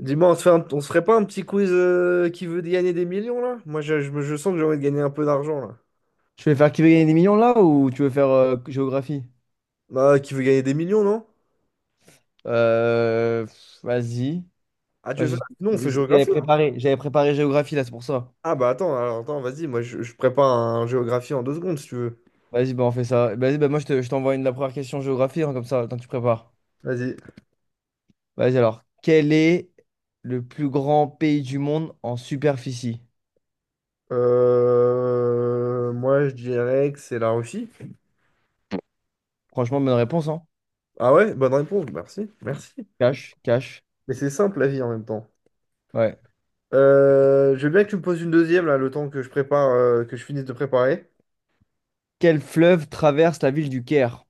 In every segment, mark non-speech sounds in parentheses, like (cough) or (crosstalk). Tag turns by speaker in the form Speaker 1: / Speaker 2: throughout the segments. Speaker 1: Dis-moi, on se fait on se ferait pas un petit quiz qui veut gagner des millions là? Moi, je sens que j'ai envie de gagner un peu d'argent là.
Speaker 2: Tu veux faire qui veut gagner des millions là ou tu veux faire géographie?
Speaker 1: Bah, qui veut gagner des millions, non?
Speaker 2: Vas-y.
Speaker 1: Ah, tu
Speaker 2: Moi,
Speaker 1: veux faire...
Speaker 2: j'ai-
Speaker 1: Non, on fait géographie, hein.
Speaker 2: J'avais préparé géographie là, c'est pour ça.
Speaker 1: Ah bah attends, alors attends, vas-y, moi je prépare un géographie en 2 secondes si tu veux.
Speaker 2: Vas-y, bah, on fait ça. Vas-y, bah, je t'envoie une la première question géographie, hein, comme ça, le temps que tu prépares.
Speaker 1: Vas-y.
Speaker 2: Vas-y alors. Quel est le plus grand pays du monde en superficie?
Speaker 1: Moi, je dirais que c'est la Russie.
Speaker 2: Franchement, bonne réponse, hein?
Speaker 1: Ah ouais, bonne réponse, merci, merci.
Speaker 2: Cash, cash.
Speaker 1: Mais c'est simple la vie en même temps.
Speaker 2: Ouais.
Speaker 1: Je veux bien que tu me poses une deuxième là, le temps que je prépare, que je finisse de préparer.
Speaker 2: Quel fleuve traverse la ville du Caire?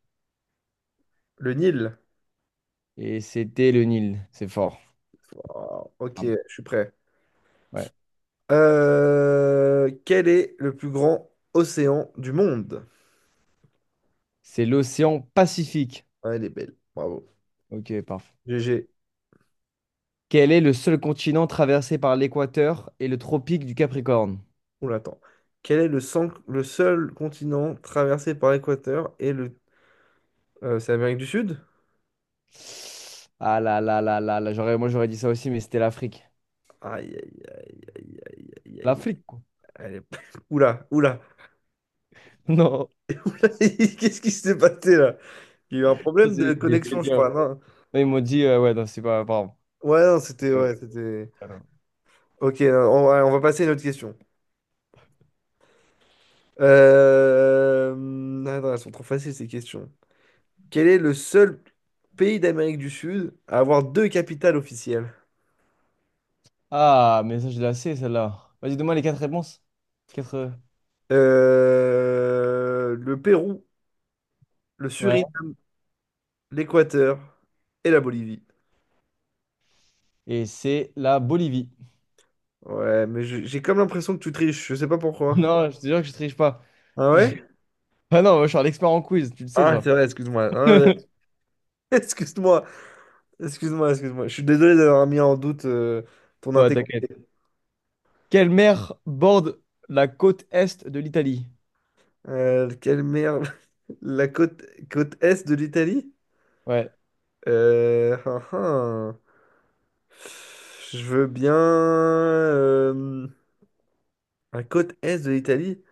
Speaker 1: Le Nil.
Speaker 2: C'était le Nil, c'est fort.
Speaker 1: Oh, ok,
Speaker 2: Ah.
Speaker 1: je suis prêt.
Speaker 2: Ouais.
Speaker 1: Quel est le plus grand océan du monde?
Speaker 2: C'est l'océan Pacifique.
Speaker 1: Ah, elle est belle, bravo.
Speaker 2: Ok, parfait.
Speaker 1: GG,
Speaker 2: Quel est le seul continent traversé par l'équateur et le tropique du Capricorne?
Speaker 1: on l'attend. Quel est le seul continent traversé par l'équateur et le... c'est l'Amérique du Sud?
Speaker 2: Ah là là là là là, j'aurais, moi j'aurais dit ça aussi, mais c'était l'Afrique.
Speaker 1: Aïe, aïe, aïe, aïe, aïe, aïe, aïe.
Speaker 2: L'Afrique, quoi.
Speaker 1: Elle est- (laughs) Oula, oula.
Speaker 2: (laughs) Non.
Speaker 1: (laughs) Qu'est-ce qui s'est passé là? Il y a eu un problème de
Speaker 2: J'ai
Speaker 1: connexion, je
Speaker 2: dit,
Speaker 1: crois, non?
Speaker 2: là, ils m'ont dit, ouais, non, c'est pas, pardon.
Speaker 1: Ouais, non, c'était...
Speaker 2: Euh,
Speaker 1: Ouais, c'était...
Speaker 2: alors.
Speaker 1: Ok, on va passer à une autre question. Euh... Attends, elles sont trop faciles ces questions. Quel est le seul pays d'Amérique du Sud à avoir deux capitales officielles?
Speaker 2: Ah, mais ça, je la sais, celle-là. Vas-y, donne-moi les quatre réponses. Quatre.
Speaker 1: Le Pérou, le
Speaker 2: Ouais.
Speaker 1: Suriname, l'Équateur et la Bolivie.
Speaker 2: Et c'est la Bolivie. (laughs)
Speaker 1: Ouais, mais j'ai comme l'impression que tu triches, je sais pas pourquoi.
Speaker 2: Non, je te jure que je triche pas.
Speaker 1: Ah ouais?
Speaker 2: (laughs) Ah non, moi, je suis un expert en quiz, tu le sais,
Speaker 1: Ah, c'est
Speaker 2: ça.
Speaker 1: vrai, excuse-moi. Ah, ouais.
Speaker 2: (laughs)
Speaker 1: (laughs) Excuse-moi, excuse-moi, excuse-moi. Je suis désolé d'avoir mis en doute ton
Speaker 2: Ouais,
Speaker 1: intégrité.
Speaker 2: t'inquiète. Quelle mer borde la côte est de l'Italie?
Speaker 1: Quelle merde. (laughs) La côte est de l'Italie?
Speaker 2: Ouais.
Speaker 1: Ah, ah. Je veux bien. La côte est de l'Italie?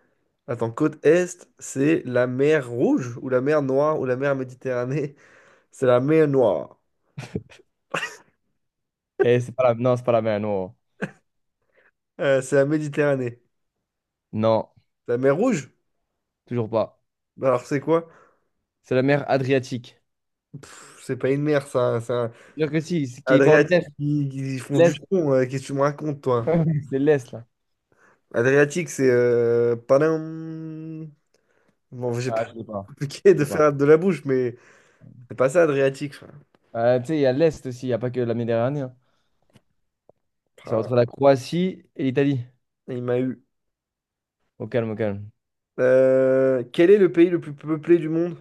Speaker 1: Attends, côte est, c'est la mer Rouge ou la mer Noire ou la mer Méditerranée? (laughs) C'est la mer Noire.
Speaker 2: Et c'est pas la... Non, c'est pas la mer, non.
Speaker 1: C'est la Méditerranée.
Speaker 2: Non,
Speaker 1: La mer Rouge?
Speaker 2: toujours pas.
Speaker 1: Bah alors c'est quoi?
Speaker 2: C'est la mer Adriatique.
Speaker 1: Pff, c'est pas une mer, ça. C'est un
Speaker 2: Dire que si, c'est qui borde l'est.
Speaker 1: Adriatique. Ils font du
Speaker 2: L'est.
Speaker 1: son. Qu'est-ce que tu me racontes, toi?
Speaker 2: (laughs) C'est l'est, là.
Speaker 1: Adriatique, c'est... padam. Bon, j'ai
Speaker 2: Ah,
Speaker 1: pas
Speaker 2: je l'ai
Speaker 1: (laughs)
Speaker 2: pas. Je
Speaker 1: compliqué de
Speaker 2: l'ai pas.
Speaker 1: faire de la bouche, mais c'est pas ça, Adriatique. Enfin,
Speaker 2: Tu sais, il y a l'est aussi, il n'y a pas que la Méditerranée, hein. C'est
Speaker 1: pah,
Speaker 2: entre la Croatie et l'Italie.
Speaker 1: il m'a eu.
Speaker 2: Au calme, au calme.
Speaker 1: Quel est le pays le plus peuplé du monde?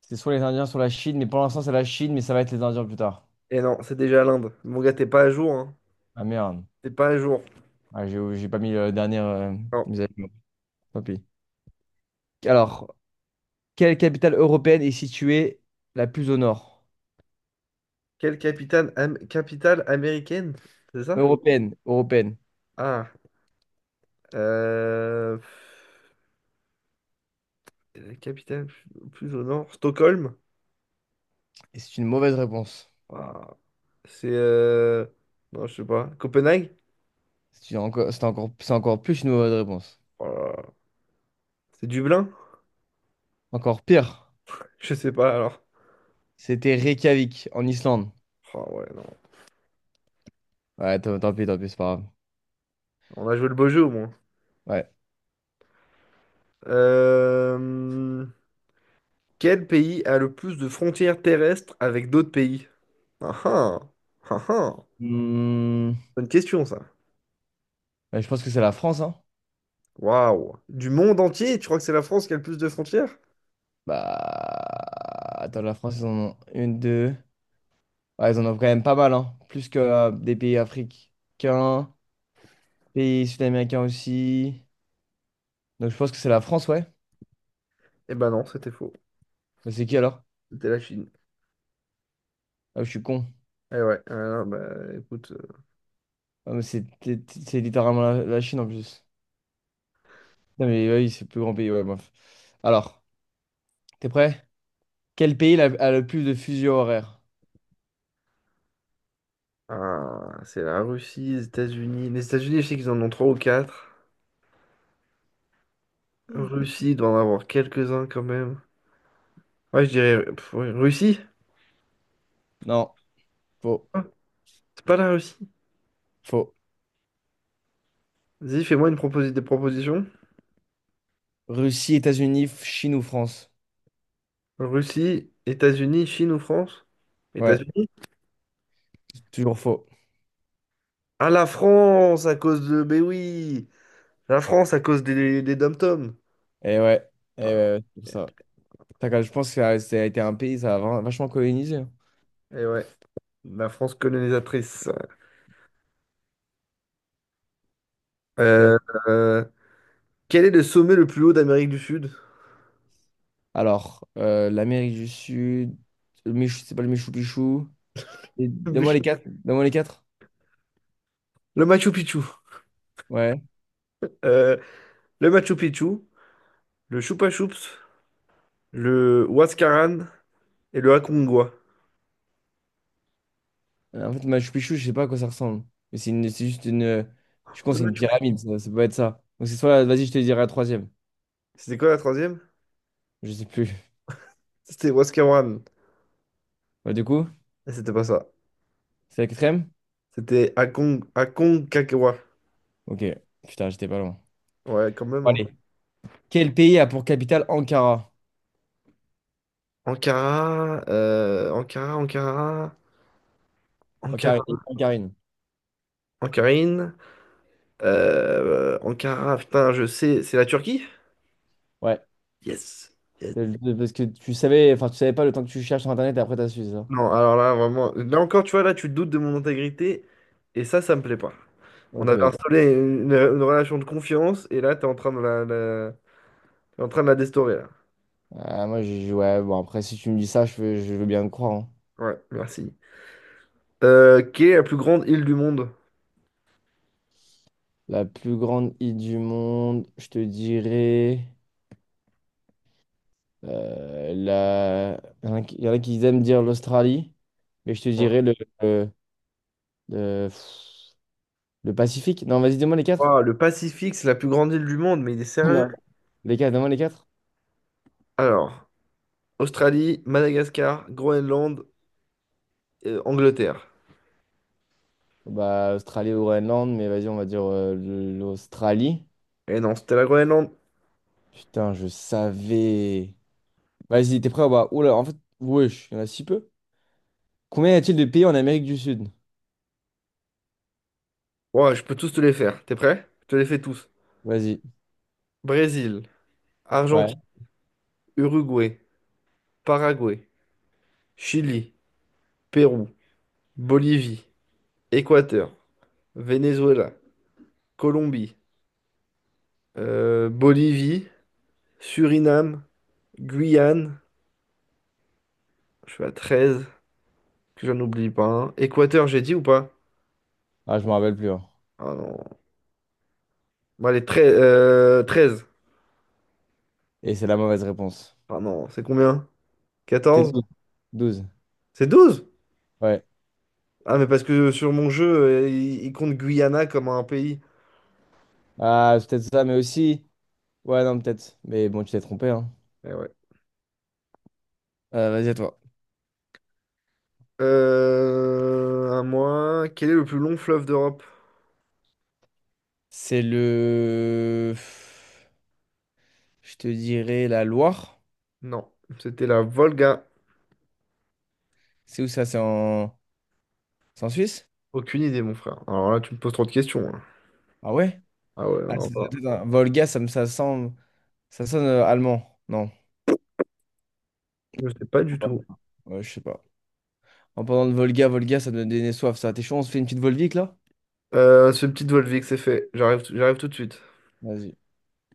Speaker 2: C'est soit les Indiens, soit la Chine, mais pour l'instant, c'est la Chine, mais ça va être les Indiens plus tard.
Speaker 1: Et non, c'est déjà l'Inde. Mon gars, t'es pas à jour, hein.
Speaker 2: Ah merde.
Speaker 1: T'es pas à jour.
Speaker 2: Ah, j'ai pas mis le dernier,
Speaker 1: Non.
Speaker 2: mes amis. Tant pis. Alors, quelle capitale européenne est située la plus au nord?
Speaker 1: Quelle capitale, capitale américaine? C'est ça?
Speaker 2: Européenne, européenne.
Speaker 1: Ah. Euh... pff, La capitale plus au nord. Stockholm?
Speaker 2: Et c'est une mauvaise réponse.
Speaker 1: Waouh. C'est... euh, Non, je sais pas. Copenhague?
Speaker 2: C'est encore plus une mauvaise réponse.
Speaker 1: Oh là là. C'est Dublin?
Speaker 2: Encore pire.
Speaker 1: (laughs) Je sais pas, alors.
Speaker 2: C'était Reykjavik, en Islande.
Speaker 1: Oh ouais, non.
Speaker 2: Ouais, tant pis, c'est pas grave.
Speaker 1: On a joué le beau jeu, au moins.
Speaker 2: Ouais.
Speaker 1: Euh... Quel pays a le plus de frontières terrestres avec d'autres pays? Ah ah. Ah ah.
Speaker 2: Hmm,
Speaker 1: Bonne question, ça.
Speaker 2: bah, je pense que c'est la France, hein.
Speaker 1: Waouh! Du monde entier, tu crois que c'est la France qui a le plus de frontières?
Speaker 2: Bah. Attends, la France, ils en ont une, deux. Ouais, ils en ont quand même pas mal, hein. Plus que des pays africains, pays sud-américains aussi. Donc je pense que c'est la France, ouais.
Speaker 1: Eh ben non, c'était faux.
Speaker 2: Bah, c'est qui alors?
Speaker 1: C'était la Chine.
Speaker 2: Ah, je suis con.
Speaker 1: Eh ouais, ah, bah écoute,
Speaker 2: Ah, mais c'est c'est- c'est littéralement la Chine en plus. Non, mais oui, c'est le plus grand pays. Ouais, bref. Alors, t'es prêt? A le plus de fuseaux horaires?
Speaker 1: ah, c'est la Russie, les États-Unis. Les États-Unis, je sais qu'ils en ont trois ou quatre. Russie, il doit en avoir quelques-uns quand même. Ouais, je dirais pff, ouais, Russie?
Speaker 2: Non, faux,
Speaker 1: Ah, c'est pas la Russie.
Speaker 2: faux.
Speaker 1: Vas-y, fais-moi des propositions.
Speaker 2: Chine ou France?
Speaker 1: Russie, États-Unis, Chine ou France?
Speaker 2: Ouais,
Speaker 1: États-Unis?
Speaker 2: c'est toujours faux.
Speaker 1: Ah, la France, à cause de. Mais oui! La France, à cause des dom-toms.
Speaker 2: Et ouais, et ouais,
Speaker 1: Ah,
Speaker 2: ouais, c'est pour
Speaker 1: eh
Speaker 2: ça. Je pense que ça a été un pays, ça a vachement colonisé, hein.
Speaker 1: eh ouais. La France colonisatrice.
Speaker 2: Je te
Speaker 1: Euh,
Speaker 2: laisse.
Speaker 1: euh, Quel est le sommet le plus haut d'Amérique du Sud?
Speaker 2: Alors, l'Amérique du Sud, le Michou, c'est pas le Michou Pichou. Et
Speaker 1: Le
Speaker 2: donne-moi les quatre. Donne-moi les quatre.
Speaker 1: Machu Picchu.
Speaker 2: Ouais.
Speaker 1: Euh, le Machu Picchu, le Chupa Chups, le Huascaran et le Aconcagua.
Speaker 2: En fait, Machu Picchu, je sais pas à quoi ça ressemble. C'est juste une. Je pense
Speaker 1: Le
Speaker 2: que c'est une
Speaker 1: Machu Picchu.
Speaker 2: pyramide, ça peut être ça. Donc c'est soit. Vas-y, je te dirai la troisième.
Speaker 1: C'était quoi la troisième?
Speaker 2: Je sais plus. (laughs)
Speaker 1: C'était Huascaran.
Speaker 2: Bah, du coup,
Speaker 1: Et c'était pas ça.
Speaker 2: c'est la quatrième?
Speaker 1: C'était Aconcagua.
Speaker 2: Ok. Putain, j'étais pas loin.
Speaker 1: Ouais, quand même, hein.
Speaker 2: Allez. Quel pays a pour capitale Ankara?
Speaker 1: Ankara, Ankara, Ankara, Ankara,
Speaker 2: Ankarine. Ankarine.
Speaker 1: Ankarine, Ankara, putain, je sais, c'est la Turquie?
Speaker 2: Ouais.
Speaker 1: Yes. Yes.
Speaker 2: Parce que tu savais, enfin, tu savais pas le temps que tu cherches sur Internet et après t'as su ça.
Speaker 1: Non, alors là, vraiment, là encore, tu vois, là, tu doutes de mon intégrité, et ça me plaît pas. On
Speaker 2: Ok,
Speaker 1: avait
Speaker 2: ok.
Speaker 1: installé une relation de confiance, et là, t'es en train t'es en train de la déstaurer, là.
Speaker 2: Ah, moi, je, ouais, bon, après, si tu me dis ça, je veux bien te croire, hein.
Speaker 1: Ouais, merci. Quelle est la plus grande île du monde?
Speaker 2: La plus grande île du monde, je te dirais. Il y en a qui aiment dire l'Australie, mais je te
Speaker 1: Ouais.
Speaker 2: dirais le, le- pff, le Pacifique. Non, vas-y, dis-moi les quatre.
Speaker 1: Ouah, le Pacifique, c'est la plus grande île du monde, mais il est
Speaker 2: (laughs)
Speaker 1: sérieux?
Speaker 2: Non, les quatre, dis-moi les quatre.
Speaker 1: Alors, Australie, Madagascar, Groenland, Angleterre.
Speaker 2: Bah, Australie ou Groenland, mais vas-y, on va dire l'Australie.
Speaker 1: Et non, c'était la Groenland.
Speaker 2: Putain, je savais. Vas-y, t'es prêt ou pas? Oula, en fait, wesh, il y en a si peu. Combien y a-t-il de pays en Amérique du Sud?
Speaker 1: Ouais, je peux tous te les faire. T'es prêt? Je te les fais tous.
Speaker 2: Vas-y.
Speaker 1: Brésil,
Speaker 2: Ouais.
Speaker 1: Argentine, Uruguay, Paraguay, Chili. Pérou, Bolivie, Équateur, Venezuela, Colombie, Bolivie, Suriname, Guyane, je suis à 13, que j'en oublie pas, hein. Équateur, j'ai dit ou pas?
Speaker 2: Ah, je me rappelle plus, hein.
Speaker 1: Ah non. Bon, allez, 13. 13.
Speaker 2: Et c'est la mauvaise réponse.
Speaker 1: Ah non, c'est combien?
Speaker 2: C'était
Speaker 1: 14.
Speaker 2: douze, douze.
Speaker 1: C'est 12.
Speaker 2: Ouais.
Speaker 1: Ah, mais parce que sur mon jeu, il compte Guyana comme un pays.
Speaker 2: Ah, c'est peut-être ça, mais aussi. Ouais, non, peut-être. Mais bon, tu t'es trompé, hein.
Speaker 1: Eh ouais.
Speaker 2: Vas-y, à toi.
Speaker 1: À moi, quel est le plus long fleuve d'Europe?
Speaker 2: C'est le... Je te dirais la Loire.
Speaker 1: Non, c'était la Volga.
Speaker 2: C'est où ça? C'est en Suisse?
Speaker 1: Aucune idée, mon frère. Alors là, tu me poses trop de questions, hein.
Speaker 2: Ah ouais?
Speaker 1: Ah ouais,
Speaker 2: Ah,
Speaker 1: non,
Speaker 2: attends, Volga, ça semble... Ça sonne allemand. Non.
Speaker 1: je sais pas du
Speaker 2: Ouais,
Speaker 1: tout.
Speaker 2: ouais, je sais pas. En parlant de Volga, Volga, ça me donne des soif, ça. T'es chaud, on se fait une petite Volvic, là?
Speaker 1: Ce petit doigt levé que c'est fait. J'arrive, j'arrive tout de suite.
Speaker 2: Vas-y.